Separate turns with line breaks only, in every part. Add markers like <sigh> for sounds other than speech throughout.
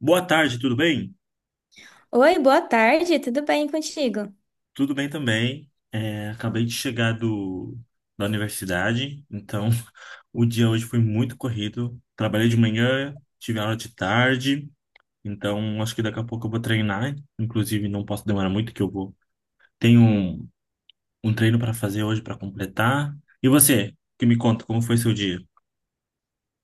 Boa tarde, tudo bem?
Oi, boa tarde, tudo bem contigo?
Tudo bem também. Acabei de chegar da universidade, então <laughs> o dia hoje foi muito corrido. Trabalhei de manhã, tive aula de tarde, então acho que daqui a pouco eu vou treinar. Inclusive, não posso demorar muito que eu vou. Tenho um treino para fazer hoje para completar. E você, que me conta como foi seu dia?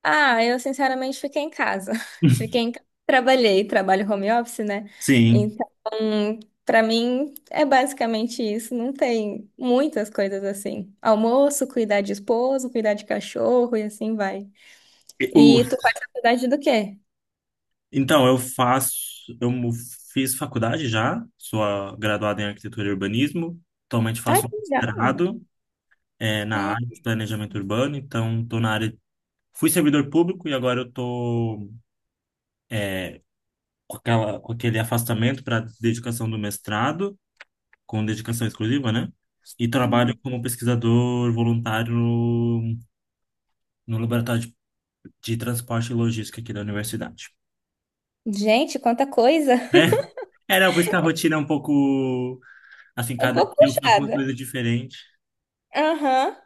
Ah, eu sinceramente fiquei em casa. <laughs>
<laughs>
Trabalhei, trabalho home office, né?
Sim.
Então, pra mim é basicamente isso. Não tem muitas coisas assim. Almoço, cuidar de esposo, cuidar de cachorro e assim vai.
E O,
E tu faz faculdade do quê?
Então, eu faço, eu mu- fiz faculdade já, sou graduada em arquitetura e urbanismo. Atualmente
Ai,
faço um
que legal.
mestrado, na área de planejamento urbano, então estou na área. Fui servidor público e agora eu estou com aquele afastamento para dedicação do mestrado, com dedicação exclusiva, né? E trabalho
Hum.
como pesquisador voluntário no laboratório de transporte e logística aqui da universidade.
Gente, quanta coisa!
É,
<laughs>
<laughs> não, por isso que a rotina é um pouco assim,
É um
cada dia
pouco
eu faço uma
puxada.
coisa diferente.
Aham.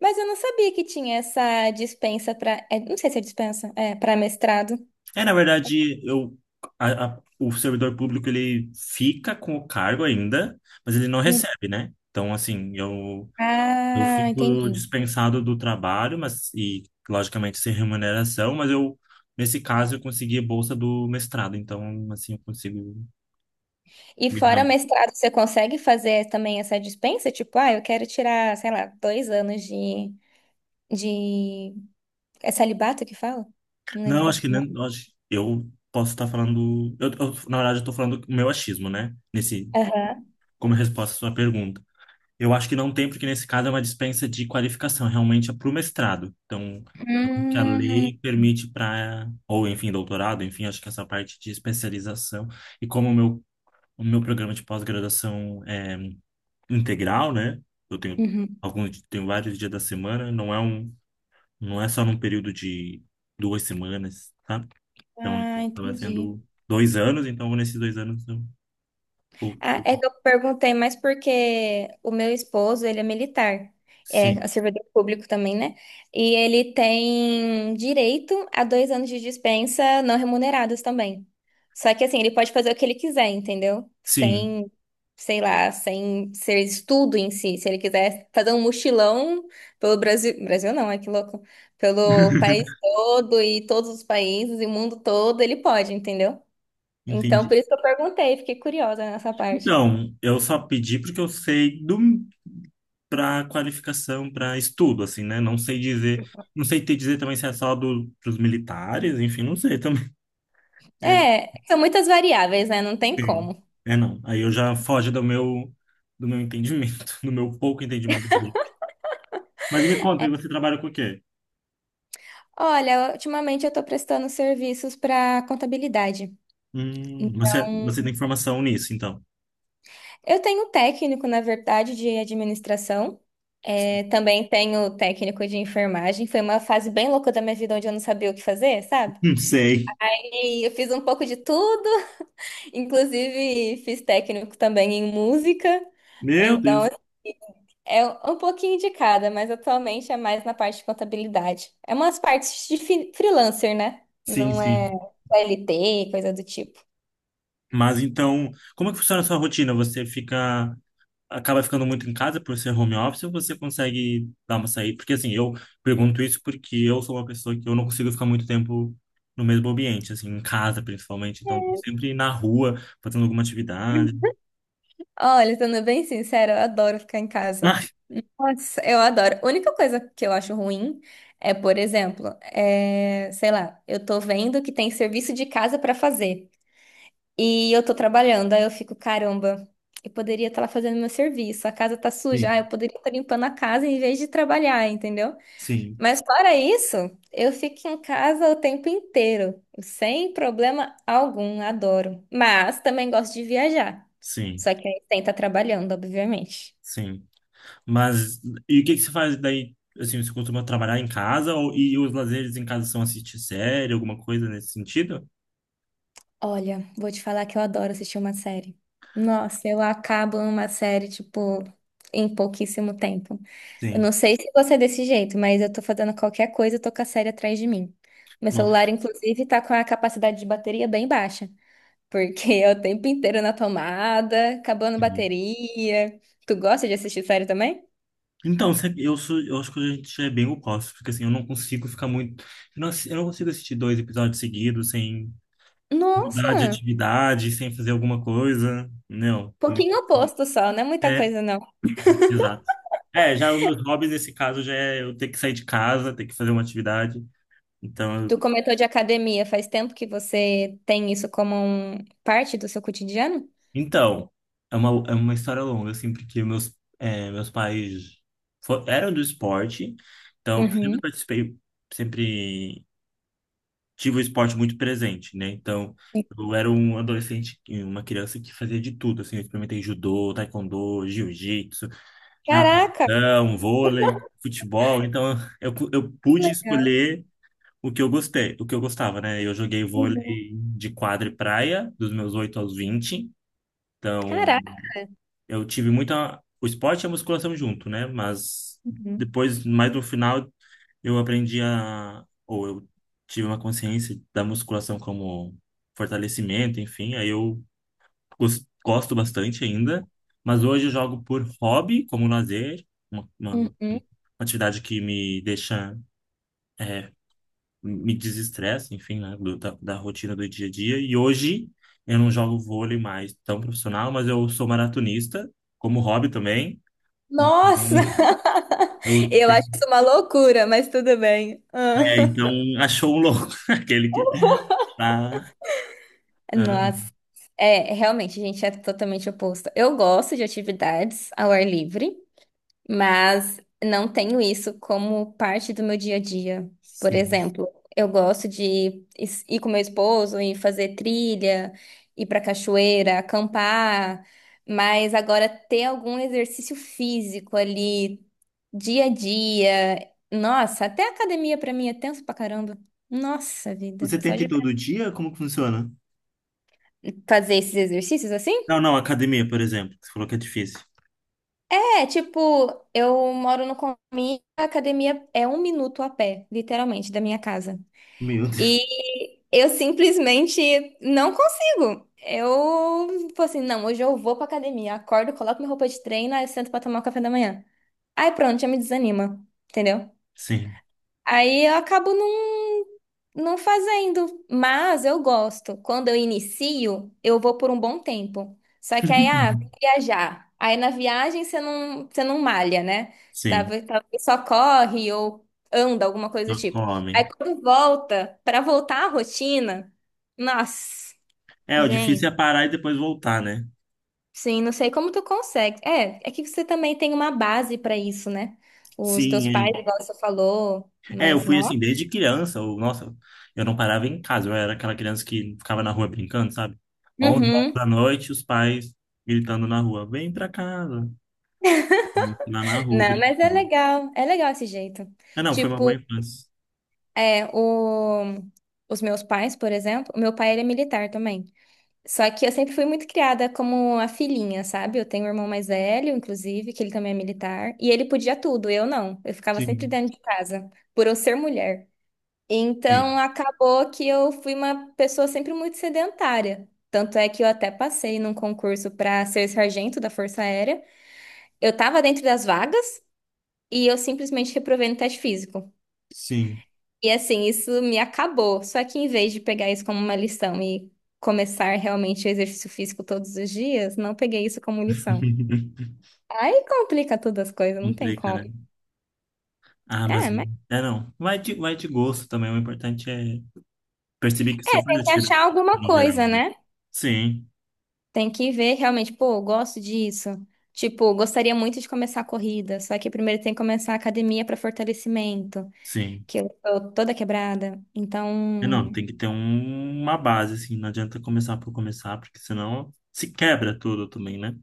Mas eu não sabia que tinha essa dispensa para. Não sei se é dispensa, para mestrado.
É, na verdade, o servidor público ele fica com o cargo ainda, mas ele não
Hum.
recebe, né? Então, assim, eu
Ah,
fico
entendi.
dispensado do trabalho, mas e logicamente sem remuneração, mas eu nesse caso eu consegui a bolsa do mestrado, então assim eu consigo.
E fora mestrado, você consegue fazer também essa dispensa? Tipo, ah, eu quero tirar, sei lá, 2 anos de, de. É celibato que fala? Não lembro
Não,
qual
acho
que
que
é o nome.
nem, acho, eu posso estar falando, na verdade eu estou falando o meu achismo, né? Nesse
Aham.
como resposta à sua pergunta. Eu acho que não tem, porque nesse caso é uma dispensa de qualificação, realmente é para o mestrado. Então, é o que a
Hum,
lei permite para, ou enfim, doutorado, enfim, acho que essa parte de especialização. E como o meu programa de pós-graduação é integral, né? Eu tenho
uhum.
alguns, tenho vários dias da semana, não é um, não é só num período de 2 semanas, tá? Então,
Ah,
estava
entendi.
sendo 2 anos, então nesses 2 anos eu,
Ah,
eu-
é que eu perguntei, mas porque o meu esposo, ele é militar,
sim,
é servidor público também, né? E ele tem direito a 2 anos de dispensa não remunerados também. Só que assim, ele pode fazer o que ele quiser, entendeu?
sim,
Sem, sei lá, sem ser estudo em si. Se ele quiser fazer um mochilão pelo Brasil, Brasil não, é que louco, pelo país
<laughs>
todo e todos os países e mundo todo, ele pode, entendeu? Então,
entendi.
por isso que eu perguntei, fiquei curiosa nessa parte.
Não, eu só pedi porque eu sei do para qualificação, para estudo, assim, né? Não sei dizer, não sei te dizer também se é só do, pros militares, enfim, não sei também. <laughs> É,
É, são muitas variáveis, né? Não tem
sim.
como.
É não. Aí eu já foge do meu entendimento, <laughs> do meu pouco entendimento. Mas me conta, e você trabalha com o quê?
Olha, ultimamente eu tô prestando serviços para contabilidade.
Você
Então,
você tem formação nisso, então?
eu tenho um técnico, na verdade, de administração. É, também tenho técnico de enfermagem. Foi uma fase bem louca da minha vida onde eu não sabia o que fazer, sabe?
Não sei.
E eu fiz um pouco de tudo, <laughs> inclusive fiz técnico também em música.
Meu
Então,
Deus.
é um pouquinho de cada, mas atualmente é mais na parte de contabilidade. É umas partes de freelancer, né?
Sim,
Não
sim.
é LT, coisa do tipo.
Mas então, como é que funciona a sua rotina? Você fica acaba ficando muito em casa por ser home office ou você consegue dar uma saída? Porque assim, eu pergunto isso porque eu sou uma pessoa que eu não consigo ficar muito tempo no mesmo ambiente, assim, em casa principalmente. Então, tô sempre na rua, fazendo alguma atividade.
Olha, sendo bem sincera, eu adoro ficar em casa.
Ah,
Nossa, eu adoro. A única coisa que eu acho ruim é, por exemplo, é, sei lá, eu tô vendo que tem serviço de casa pra fazer e eu tô trabalhando, aí eu fico, caramba, eu poderia estar lá fazendo meu serviço, a casa tá
sim,
suja, ah, eu poderia estar limpando a casa em vez de trabalhar, entendeu?
sim,
Mas fora isso, eu fico em casa o tempo inteiro, sem problema algum, adoro. Mas também gosto de viajar.
sim,
Só que aí tem que tá trabalhando, obviamente.
sim. Mas, e o que que você faz daí? Assim, você costuma trabalhar em casa ou, e os lazeres em casa são assistir série, alguma coisa nesse sentido?
Olha, vou te falar que eu adoro assistir uma série. Nossa, eu acabo uma série, tipo, em pouquíssimo tempo. Eu
Sim.
não sei se você é desse jeito, mas eu tô fazendo qualquer coisa, eu tô com a série atrás de mim. Meu
Nossa,
celular, inclusive, tá com a capacidade de bateria bem baixa. Porque é o tempo inteiro na tomada, acabando bateria. Tu gosta de assistir série também?
então, eu acho que a gente já é bem oposto, porque assim, eu não consigo ficar muito, eu não consigo assistir dois episódios seguidos sem mudar de
Nossa,
atividade, sem fazer alguma coisa, não, é muito,
pouquinho oposto só, não é muita
é,
coisa não.
exato. É, já os meus hobbies nesse caso já é eu ter que sair de casa, ter que fazer uma atividade, então,
Tu comentou de academia, faz tempo que você tem isso como parte do seu cotidiano?
então, é uma história longa, assim, porque meus pais eram do esporte, então eu sempre
Uhum.
participei, sempre tive o esporte muito presente, né? Então, eu era um adolescente, uma criança que fazia de tudo, assim, eu experimentei judô, taekwondo, jiu-jitsu,
Caraca,
natação, vôlei, futebol, então eu
que
pude
legal.
escolher o que eu gostei, o que eu gostava, né? Eu joguei
Uhum.
vôlei de quadra e praia, dos meus 8 aos 20. Então
Caraca.
eu tive muita, o esporte e a musculação junto, né? Mas
Uhum.
depois, mais no final, eu aprendi a, ou eu tive uma consciência da musculação como fortalecimento, enfim, aí eu gosto bastante ainda, mas hoje eu jogo por hobby, como lazer, uma
Uhum.
atividade que me deixa, é, me desestressa, enfim, né, da rotina do dia a dia, e hoje eu não jogo vôlei mais tão profissional, mas eu sou maratonista, como hobby também, então
Nossa! <laughs>
eu
Eu acho
tenho,
isso uma loucura, mas tudo bem.
então <laughs> achou um louco, <laughs> aquele que tá.
Nossa, é, realmente, a gente é totalmente oposto. Eu gosto de atividades ao ar livre, mas não tenho isso como parte do meu dia a dia. Por
Sim.
exemplo, eu gosto de ir com meu esposo e fazer trilha, ir pra cachoeira, acampar, mas agora ter algum exercício físico ali, dia a dia. Nossa, até academia pra mim é tenso pra caramba. Nossa vida,
Você
só
tenta ir
de
todo dia? Como que funciona?
fazer esses exercícios assim?
Não, não, academia, por exemplo, que você falou que é difícil.
É, tipo, eu moro no condomínio, a academia é um minuto a pé, literalmente, da minha casa.
Meu Deus.
E eu simplesmente não consigo. Eu, tipo assim, não, hoje eu vou pra academia, acordo, coloco minha roupa de treino, aí eu sento pra tomar o café da manhã. Aí pronto, já me desanima, entendeu?
Sim,
Aí eu acabo não. Não fazendo, mas eu gosto. Quando eu inicio, eu vou por um bom tempo. Só que aí, ah, vou
<laughs>
viajar. Aí na viagem você não malha, né?
sim,
Talvez só corre ou anda, alguma coisa do
não
tipo. Aí
come.
quando volta, pra voltar à rotina, nossa,
É, o difícil
gente,
é parar e depois voltar, né?
sim, não sei como tu consegue. É, é que você também tem uma base pra isso, né? Os
Sim,
teus pais,
é.
igual você falou,
É, eu
mas
fui
não.
assim desde criança. Nossa, eu não parava em casa. Eu era aquela criança que ficava na rua brincando, sabe? 11 horas da noite, os pais gritando na rua: vem pra casa. E eu lá na rua
Não, mas
brincando.
é legal esse jeito.
Ah, não, foi uma boa
Tipo,
infância.
é, o, os meus pais, por exemplo, o meu pai ele é militar também. Só que eu sempre fui muito criada como a filhinha, sabe? Eu tenho um irmão mais velho, inclusive, que ele também é militar, e ele podia tudo, eu não. Eu ficava sempre
Sim,
dentro de casa, por eu ser mulher. Então,
sim,
acabou que eu fui uma pessoa sempre muito sedentária. Tanto é que eu até passei num concurso para ser sargento da Força Aérea. Eu tava dentro das vagas, e eu simplesmente reprovei no teste físico.
sim.
E assim, isso me acabou. Só que em vez de pegar isso como uma lição e começar realmente o exercício físico todos os dias, não peguei isso como lição.
<laughs>
Aí complica todas as coisas, não tem
Complica,
como.
né? Ah, mas
É, mas
é não. Vai de gosto também. O importante é perceber que você
é,
faz
tem
a
que
tiro
achar alguma
em geral,
coisa,
né?
né?
Sim,
Tem que ver realmente, pô, eu gosto disso. Tipo, gostaria muito de começar a corrida, só que primeiro tem que começar a academia para fortalecimento,
sim.
que eu tô toda quebrada.
É não,
Então,
tem que ter uma base, assim. Não adianta começar por começar, porque senão se quebra tudo também, né?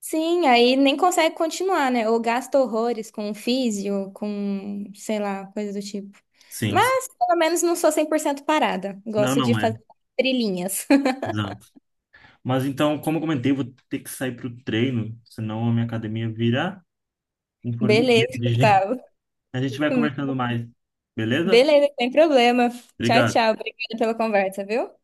sim, aí nem consegue continuar, né? Ou gasta horrores com físio, com, sei lá, coisa do tipo.
Sim, sim.
Mas, pelo menos, não sou 100% parada.
Não,
Gosto de
não é.
fazer trilhinhas.
Exato. Mas então, como eu comentei, eu vou ter que sair pro treino, senão a minha academia vira um
<laughs>
formigueiro
Beleza,
de gente.
Gustavo.
A gente vai conversando mais, beleza?
Beleza, sem problema. Tchau,
Obrigado.
tchau. Obrigada pela conversa, viu?